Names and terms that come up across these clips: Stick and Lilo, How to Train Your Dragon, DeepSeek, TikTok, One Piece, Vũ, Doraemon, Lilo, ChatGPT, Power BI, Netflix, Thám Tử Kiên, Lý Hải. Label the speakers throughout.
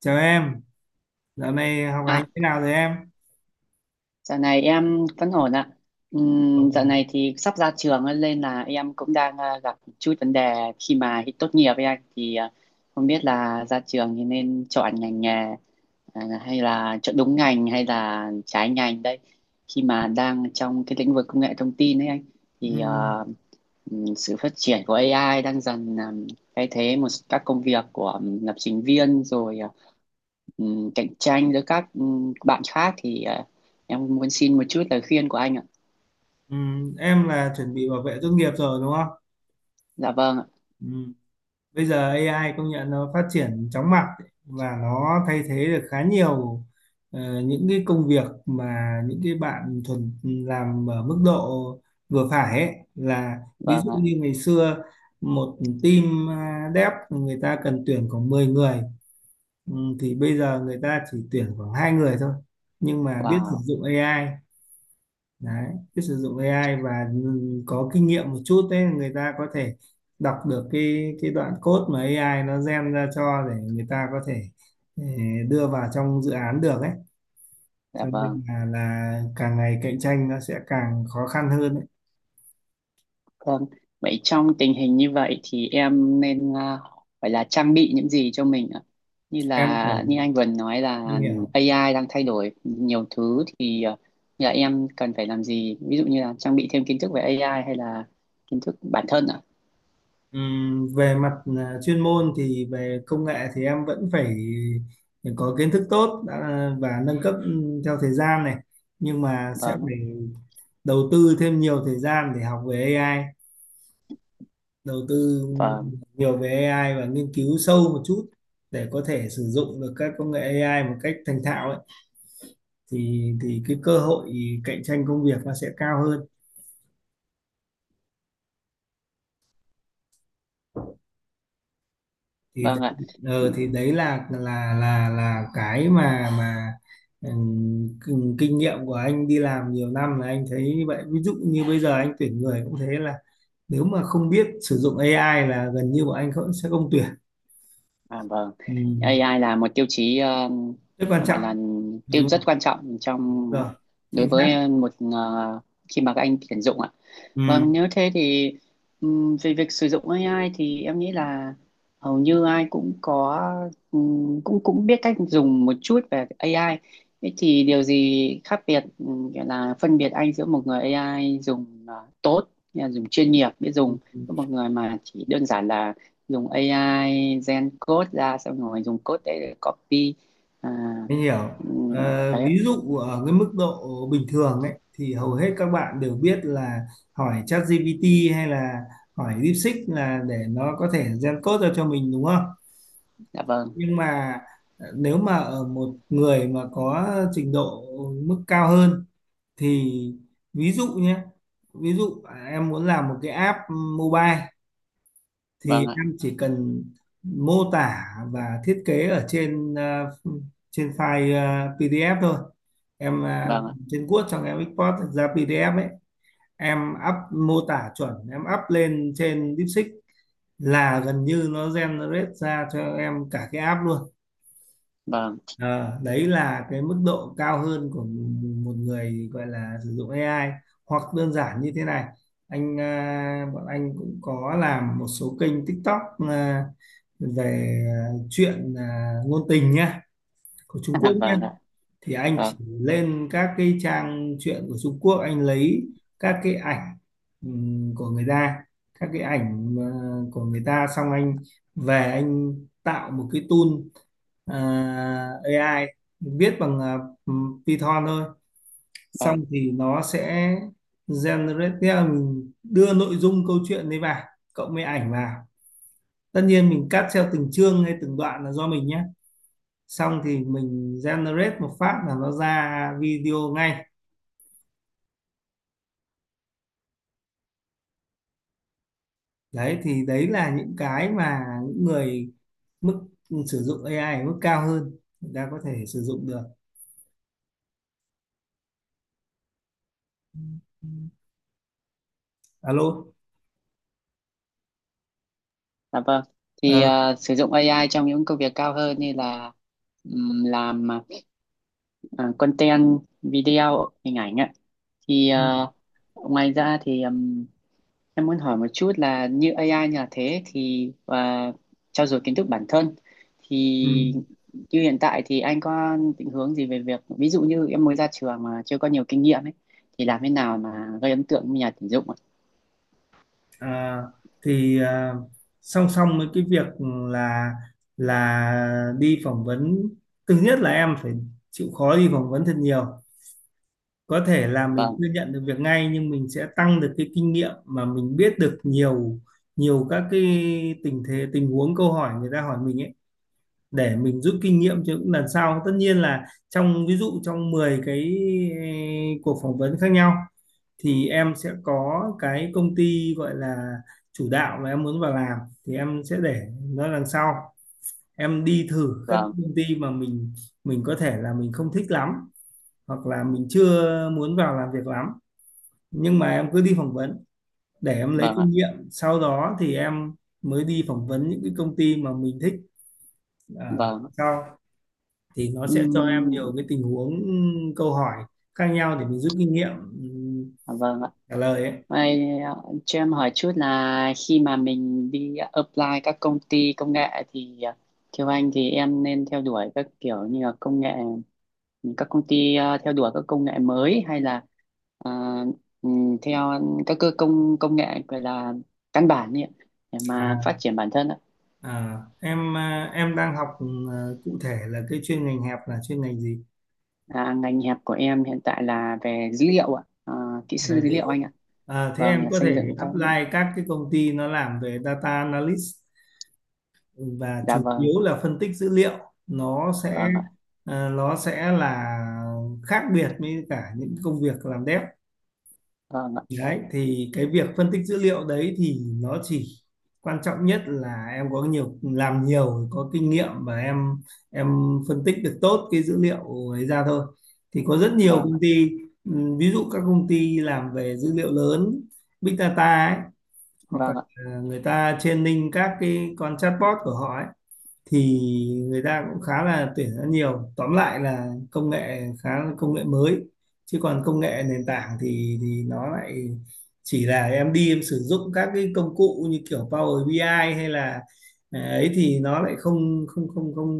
Speaker 1: Chào em, dạo này học hành
Speaker 2: À,
Speaker 1: thế nào rồi em?
Speaker 2: Dạo này em vẫn ổn ạ.
Speaker 1: Vâng
Speaker 2: Dạo
Speaker 1: ạ.
Speaker 2: này thì sắp ra trường ấy, nên là em cũng đang gặp chút vấn đề khi mà tốt nghiệp với anh không biết là ra trường thì nên chọn ngành nghề hay là chọn đúng ngành hay là trái ngành đây. Khi mà đang trong cái lĩnh vực công nghệ thông tin ấy anh thì à,
Speaker 1: Ừ,
Speaker 2: sự phát triển của AI đang dần thay thế một các công việc của lập trình viên cạnh tranh giữa các bạn khác, em muốn xin một chút lời khuyên của anh ạ.
Speaker 1: ừ. Em chuẩn bị bảo vệ tốt nghiệp rồi đúng không?
Speaker 2: Dạ vâng ạ.
Speaker 1: Ừ. Bây giờ AI công nhận nó phát triển chóng mặt ấy, và nó thay thế được khá nhiều những cái công việc mà những cái bạn thuần làm ở mức độ vừa phải ấy, là ví
Speaker 2: Vâng
Speaker 1: dụ
Speaker 2: ạ.
Speaker 1: như ngày xưa một team dev người ta cần tuyển khoảng 10 người. ừ, thì bây giờ người ta chỉ tuyển khoảng 2 người thôi, nhưng mà biết sử
Speaker 2: Wow.
Speaker 1: dụng AI. Đấy, biết sử dụng AI và có kinh nghiệm một chút, đấy người ta có thể đọc được cái đoạn code mà AI nó gen ra cho, để người ta có thể đưa vào trong dự án được ấy.
Speaker 2: Dạ
Speaker 1: Cho
Speaker 2: vâng.
Speaker 1: nên là càng ngày cạnh tranh nó sẽ càng khó khăn hơn ấy.
Speaker 2: Vâng. Vậy trong tình hình như vậy thì em nên phải là trang bị những gì cho mình ạ? Như
Speaker 1: Em phải
Speaker 2: là như anh vừa nói
Speaker 1: như
Speaker 2: là
Speaker 1: hiểu.
Speaker 2: AI đang thay đổi nhiều thứ, như là em cần phải làm gì? Ví dụ như là trang bị thêm kiến thức về AI hay là kiến thức bản thân ạ?
Speaker 1: Về mặt chuyên môn thì về công nghệ thì em vẫn phải có kiến thức tốt đã, và nâng cấp theo thời gian này, nhưng mà sẽ
Speaker 2: Vâng.
Speaker 1: phải đầu tư thêm nhiều thời gian để học về AI. Đầu tư
Speaker 2: Vâng.
Speaker 1: nhiều về AI và nghiên cứu sâu một chút, để có thể sử dụng được các công nghệ AI một cách thành thạo ấy, thì cái cơ hội cạnh tranh công việc nó sẽ cao hơn. thì
Speaker 2: Vâng
Speaker 1: đấy-
Speaker 2: ạ.
Speaker 1: ờ, thì đấy là cái mà kinh kinh nghiệm của anh đi làm nhiều năm là anh thấy như vậy. Ví dụ như bây giờ anh tuyển người cũng thế, là nếu mà không biết sử dụng AI là gần như bọn anh không, sẽ không tuyển.
Speaker 2: À, vâng, AI
Speaker 1: Ừ.
Speaker 2: là một tiêu chí,
Speaker 1: Rất quan
Speaker 2: gọi
Speaker 1: trọng.
Speaker 2: là tiêu rất quan trọng trong
Speaker 1: Rồi,
Speaker 2: đối
Speaker 1: chính xác.
Speaker 2: với một khi mà các anh tuyển dụng ạ.
Speaker 1: Ừ,
Speaker 2: Vâng, nếu thế thì, về việc sử dụng AI thì em nghĩ là hầu như ai cũng có cũng cũng biết cách dùng một chút về AI. Thế thì điều gì khác biệt, gọi là phân biệt anh giữa một người AI dùng tốt, nghĩa là dùng chuyên nghiệp biết dùng với một người mà chỉ đơn giản là dùng AI gen code ra xong rồi dùng code đấy để copy à,
Speaker 1: mình hiểu. Ờ,
Speaker 2: đấy ạ.
Speaker 1: ví dụ ở cái mức độ bình thường ấy thì hầu hết các bạn đều biết là hỏi ChatGPT hay là hỏi DeepSeek là để nó có thể gen code ra cho mình đúng không?
Speaker 2: Dạ vâng,
Speaker 1: Nhưng mà nếu mà ở một người mà có trình độ mức cao hơn thì ví dụ nhé, ví dụ em muốn làm một cái app mobile thì
Speaker 2: vâng ạ,
Speaker 1: em chỉ cần mô tả và thiết kế ở trên trên file PDF thôi. Em
Speaker 2: vâng ạ,
Speaker 1: trên Word xong em export ra PDF ấy, em up mô tả chuẩn, em up lên trên DeepSeek là gần như nó generate ra cho em cả cái app luôn.
Speaker 2: vâng,
Speaker 1: Ờ, đấy là cái mức độ cao hơn của một người gọi là sử dụng AI. Hoặc đơn giản như thế này, anh bọn anh cũng có làm một số kênh TikTok à, về chuyện ngôn tình nhá, của Trung Quốc nhá.
Speaker 2: vâng ạ,
Speaker 1: Thì anh chỉ
Speaker 2: vâng,
Speaker 1: lên các cái trang truyện của Trung Quốc, anh lấy các cái ảnh của người ta, các cái ảnh của người ta. Xong anh về anh tạo một cái tool AI viết bằng Python thôi,
Speaker 2: vâng.
Speaker 1: xong thì nó sẽ generate, tức là mình đưa nội dung câu chuyện đấy vào, cộng với ảnh vào, tất nhiên mình cắt theo từng chương hay từng đoạn là do mình nhé. Xong thì mình generate một phát là nó ra video ngay. Đấy thì đấy là những cái mà những người mức sử dụng AI ở mức cao hơn người ta có thể sử dụng được. Alo.
Speaker 2: Dạ vâng.
Speaker 1: Ờ.
Speaker 2: Thì à, sử dụng AI trong những công việc cao hơn như là làm content video hình ảnh ạ. Thì à,
Speaker 1: Ừ.
Speaker 2: ngoài ra thì em muốn hỏi một chút là như AI như là thế thì và trau dồi kiến thức bản thân
Speaker 1: Ừ.
Speaker 2: thì như hiện tại thì anh có định hướng gì về việc ví dụ như em mới ra trường mà chưa có nhiều kinh nghiệm ấy thì làm thế nào mà gây ấn tượng với nhà tuyển dụng ạ?
Speaker 1: À, thì song song với cái việc là đi phỏng vấn, thứ nhất là em phải chịu khó đi phỏng vấn thật nhiều. Có thể là mình
Speaker 2: Vâng,
Speaker 1: chưa nhận được việc ngay, nhưng mình sẽ tăng được cái kinh nghiệm mà mình biết được nhiều nhiều các cái tình thế, tình huống, câu hỏi người ta hỏi mình ấy, để mình rút kinh nghiệm cho những lần sau. Tất nhiên là trong ví dụ trong 10 cuộc phỏng vấn khác nhau thì em sẽ có cái công ty gọi là chủ đạo mà em muốn vào làm, thì em sẽ để nó đằng sau. Em đi thử các
Speaker 2: vâng,
Speaker 1: công ty mà mình có thể là mình không thích lắm, hoặc là mình chưa muốn vào làm việc lắm, nhưng mà em cứ đi phỏng vấn để em lấy
Speaker 2: vâng ạ,
Speaker 1: kinh nghiệm, sau đó thì em mới đi phỏng vấn những cái công ty mà mình thích ở
Speaker 2: vâng.
Speaker 1: sau, thì nó sẽ cho em
Speaker 2: Ừm,
Speaker 1: nhiều cái tình huống câu hỏi khác nhau để mình rút kinh nghiệm. Ừ,
Speaker 2: vâng ạ.
Speaker 1: trả lời ấy.
Speaker 2: Vậy, cho em hỏi chút là khi mà mình đi apply các công ty công nghệ thì, theo anh thì em nên theo đuổi các kiểu như là công nghệ các công ty, theo đuổi các công nghệ mới hay là ờ, theo các cơ công công nghệ gọi là căn bản nhỉ để mà
Speaker 1: à,
Speaker 2: phát triển bản thân ạ.
Speaker 1: em đang học, cụ thể là cái chuyên ngành hẹp là chuyên ngành gì?
Speaker 2: À, ngành hẹp của em hiện tại là về dữ liệu ạ. À, kỹ sư
Speaker 1: Về
Speaker 2: dữ
Speaker 1: dữ
Speaker 2: liệu anh
Speaker 1: liệu.
Speaker 2: ạ.
Speaker 1: Thế
Speaker 2: Vâng
Speaker 1: em
Speaker 2: là
Speaker 1: có
Speaker 2: xây
Speaker 1: thể
Speaker 2: dựng các.
Speaker 1: apply các cái công ty nó làm về data analyst, và
Speaker 2: Dạ
Speaker 1: chủ
Speaker 2: vâng.
Speaker 1: yếu là phân tích dữ liệu. Nó sẽ
Speaker 2: Vâng ạ.
Speaker 1: là khác biệt với cả những công việc làm dev.
Speaker 2: Vâng ạ.
Speaker 1: Đấy, thì cái việc phân tích dữ liệu đấy thì nó chỉ, quan trọng nhất là em có nhiều, làm nhiều, có kinh nghiệm, và em em phân tích được tốt cái dữ liệu ấy ra thôi. Thì có rất nhiều
Speaker 2: Vâng
Speaker 1: công
Speaker 2: ạ.
Speaker 1: ty, ví dụ các công ty làm về dữ liệu lớn, big data ấy, hoặc là
Speaker 2: Vâng ạ.
Speaker 1: ờ, người ta training các cái con chatbot của họ ấy, thì người ta cũng khá là tuyển rất nhiều. Tóm lại là công nghệ khá, là công nghệ mới, chứ còn công nghệ nền tảng thì nó lại chỉ là em đi em sử dụng các cái công cụ như kiểu Power BI ai hay là ấy thì nó lại không không không không,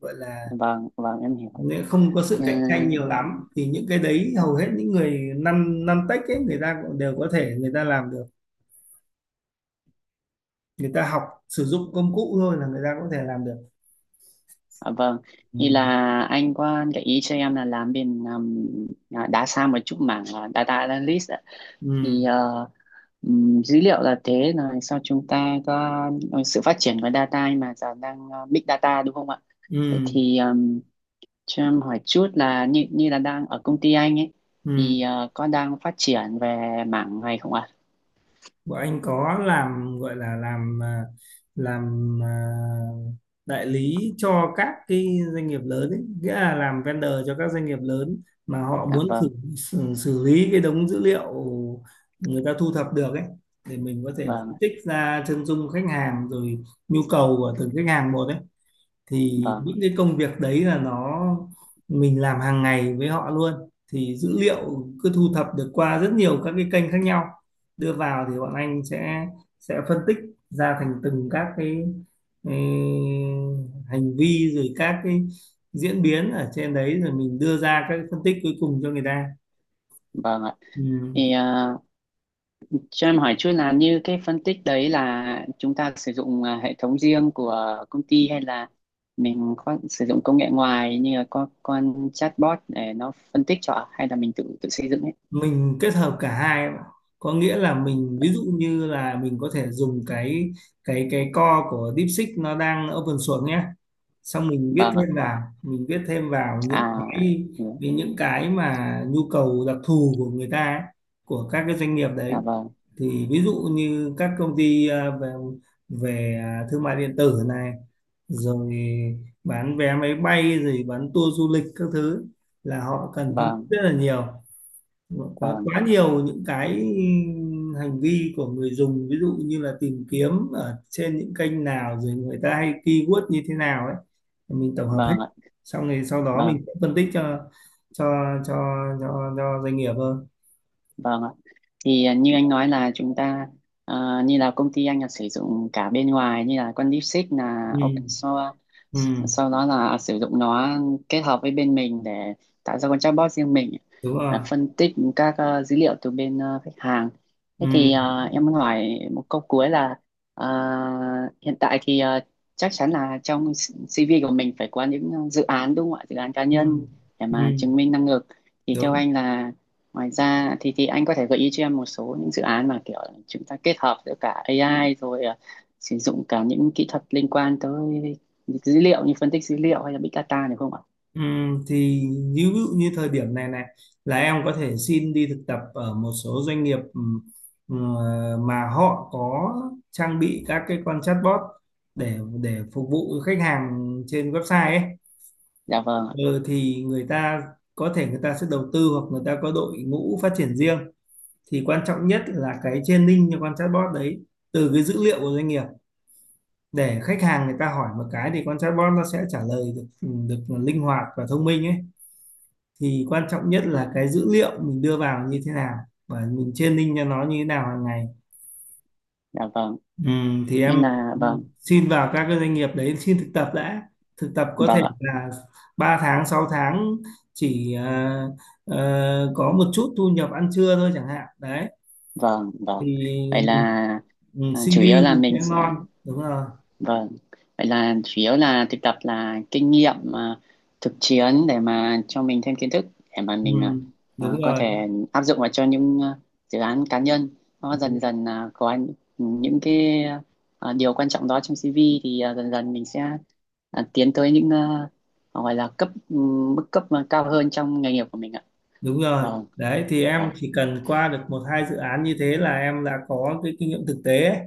Speaker 1: gọi là
Speaker 2: Vâng, vâng em hiểu.
Speaker 1: không có sự
Speaker 2: Ừ,
Speaker 1: cạnh tranh nhiều lắm. Thì những cái đấy hầu hết những người năm năm tech ấy người ta cũng đều có thể người ta làm được, người ta học sử dụng công cụ thôi là người ta có thể làm được.
Speaker 2: à, vâng,
Speaker 1: Ừ.
Speaker 2: thì là anh có gợi ý cho em là làm bên, đá xa một chút mảng data analyst ạ.
Speaker 1: Ừ.
Speaker 2: thì ờ, dữ liệu là thế rồi sau chúng ta có sự phát triển của data mà giờ đang big data đúng không ạ? Vậy
Speaker 1: Ừ.
Speaker 2: thì, cho em hỏi chút là như như là đang ở công ty anh ấy
Speaker 1: Ừ.
Speaker 2: thì có đang phát triển về mảng này không ạ?
Speaker 1: Bọn anh có làm, gọi là làm làm à, đại lý cho các cái doanh nghiệp lớn ấy, nghĩa là làm vendor cho các doanh nghiệp lớn mà họ
Speaker 2: Dạ
Speaker 1: muốn
Speaker 2: vâng.
Speaker 1: xử lý cái đống dữ liệu người ta thu thập được ấy, để mình có thể
Speaker 2: Vâng
Speaker 1: phân
Speaker 2: ạ,
Speaker 1: tích ra chân dung khách hàng rồi nhu cầu của từng khách hàng một ấy. Thì
Speaker 2: vâng.
Speaker 1: những cái công việc đấy là nó mình làm hàng ngày với họ luôn. Thì dữ liệu cứ thu thập được qua rất nhiều các cái kênh khác nhau đưa vào, thì bọn anh sẽ phân tích ra thành từng các cái, ừ, hành vi, rồi các cái diễn biến ở trên đấy, rồi mình đưa ra các cái phân tích cuối cùng cho người ta.
Speaker 2: Vâng ạ.
Speaker 1: Ừ.
Speaker 2: Thì ờ, cho em hỏi chút là như cái phân tích đấy là chúng ta sử dụng hệ thống riêng của công ty hay là mình có sử dụng công nghệ ngoài như là con chatbot để nó phân tích cho ạ? Hay là mình tự tự xây dựng ấy?
Speaker 1: Mình kết hợp cả hai, em ạ. Có nghĩa là mình, ví dụ như là mình có thể dùng cái core của DeepSeek, nó đang open source nhé, xong mình viết
Speaker 2: Vâng ạ.
Speaker 1: thêm vào, những
Speaker 2: À,
Speaker 1: cái,
Speaker 2: ừ.
Speaker 1: những cái mà nhu cầu đặc thù của người ta ấy, của các cái doanh nghiệp đấy.
Speaker 2: Dạ vâng,
Speaker 1: Thì ví dụ như các công ty về về ờ, thương mại điện tử này, rồi bán vé máy bay rồi bán tour du lịch các thứ, là họ cần phân tích
Speaker 2: vâng,
Speaker 1: rất là nhiều, quá
Speaker 2: vâng,
Speaker 1: quá nhiều những cái hành vi của người dùng. Ví dụ như là tìm kiếm ở trên những kênh nào, rồi người ta hay keyword như thế nào ấy, mình tổng hợp hết,
Speaker 2: vâng ạ.
Speaker 1: xong rồi sau đó
Speaker 2: Vâng.
Speaker 1: mình sẽ phân tích cho cho cho doanh nghiệp hơn.
Speaker 2: Vâng ạ. Như anh nói là chúng ta, như là công ty anh là sử dụng cả bên ngoài như là con DeepSeek là
Speaker 1: Ừ.
Speaker 2: open source,
Speaker 1: Ừ.
Speaker 2: sau đó là sử dụng nó kết hợp với bên mình để tạo ra con chatbot riêng mình,
Speaker 1: Đúng rồi.
Speaker 2: phân tích các dữ liệu từ bên khách hàng. Thế
Speaker 1: Ừ.
Speaker 2: thì, em muốn hỏi một câu cuối là à, hiện tại thì chắc chắn là trong CV của mình phải có những dự án đúng không ạ? Dự án cá
Speaker 1: Ừ.
Speaker 2: nhân để
Speaker 1: Ừ.
Speaker 2: mà chứng minh năng lực. Thì theo
Speaker 1: Đúng.
Speaker 2: anh là ngoài ra thì anh có thể gợi ý cho em một số những dự án mà kiểu chúng ta kết hợp giữa cả AI rồi sử dụng cả những kỹ thuật liên quan tới dữ liệu như phân tích dữ liệu hay là big data được không ạ?
Speaker 1: Thì ví dụ như thời điểm này này là em có thể xin đi thực tập ở một số doanh nghiệp, ờ, mà họ có trang bị các cái con chatbot để phục vụ khách hàng trên website ấy.
Speaker 2: Dạ vâng, ạ.
Speaker 1: Ừ, thì người ta có thể người ta sẽ đầu tư, hoặc người ta có đội ngũ phát triển riêng. Thì quan trọng nhất là cái training cho con chatbot đấy, từ cái dữ liệu của doanh nghiệp, để khách hàng người ta hỏi một cái thì con chatbot nó sẽ trả lời được, được linh hoạt và thông minh ấy. Thì quan trọng nhất là cái dữ liệu mình đưa vào như thế nào, và mình training cho nó như thế nào hàng ngày.
Speaker 2: Dạ vâng.
Speaker 1: Thì
Speaker 2: Như
Speaker 1: em
Speaker 2: là vâng,
Speaker 1: xin vào các cái doanh nghiệp đấy, xin thực tập đã. Thực tập có
Speaker 2: vâng
Speaker 1: thể
Speaker 2: ạ,
Speaker 1: là 3 tháng, 6 tháng, chỉ có một chút thu nhập ăn trưa thôi chẳng hạn đấy.
Speaker 2: vâng, vâng. Vậy là
Speaker 1: Thì ừ,
Speaker 2: chủ yếu
Speaker 1: CV
Speaker 2: là
Speaker 1: thì sẽ
Speaker 2: mình sẽ.
Speaker 1: ngon. Đúng rồi.
Speaker 2: Vâng, vậy là chủ yếu là thực tập là kinh nghiệm thực chiến để mà cho mình thêm kiến thức để mà
Speaker 1: Ừ,
Speaker 2: mình
Speaker 1: đúng
Speaker 2: có
Speaker 1: rồi.
Speaker 2: thể áp dụng vào cho những dự án cá nhân, nó dần
Speaker 1: Ừ.
Speaker 2: dần có những cái, điều quan trọng đó trong CV thì dần dần mình sẽ tiến tới những, gọi là mức cấp mà cao hơn trong nghề nghiệp của mình ạ.
Speaker 1: Đúng. Rồi
Speaker 2: Vâng,
Speaker 1: đấy thì em
Speaker 2: vâng,
Speaker 1: chỉ cần qua được một hai dự án như thế là em đã có cái kinh nghiệm thực tế ấy.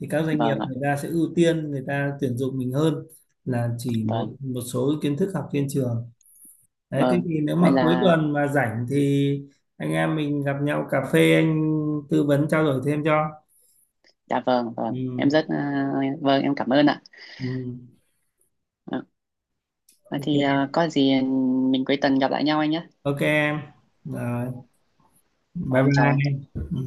Speaker 1: Thì các doanh nghiệp
Speaker 2: vâng ạ,
Speaker 1: người ta sẽ ưu tiên người ta tuyển dụng mình hơn là chỉ một
Speaker 2: vâng,
Speaker 1: một số kiến thức học trên trường. Đấy, thế
Speaker 2: vâng.
Speaker 1: thì nếu
Speaker 2: Vậy
Speaker 1: mà cuối
Speaker 2: là,
Speaker 1: tuần mà rảnh thì anh em mình gặp nhau cà phê, anh tư vấn trao đổi thêm cho.
Speaker 2: dạ vâng, vâng. Em
Speaker 1: Ừ,
Speaker 2: rất, vâng, em cảm ơn ạ.
Speaker 1: ừ,
Speaker 2: Vậy thì
Speaker 1: ok,
Speaker 2: à, có gì mình cuối tuần gặp lại nhau anh nhé.
Speaker 1: ok em. Rồi, bye
Speaker 2: Rồi em chào anh.
Speaker 1: bye. Ừ.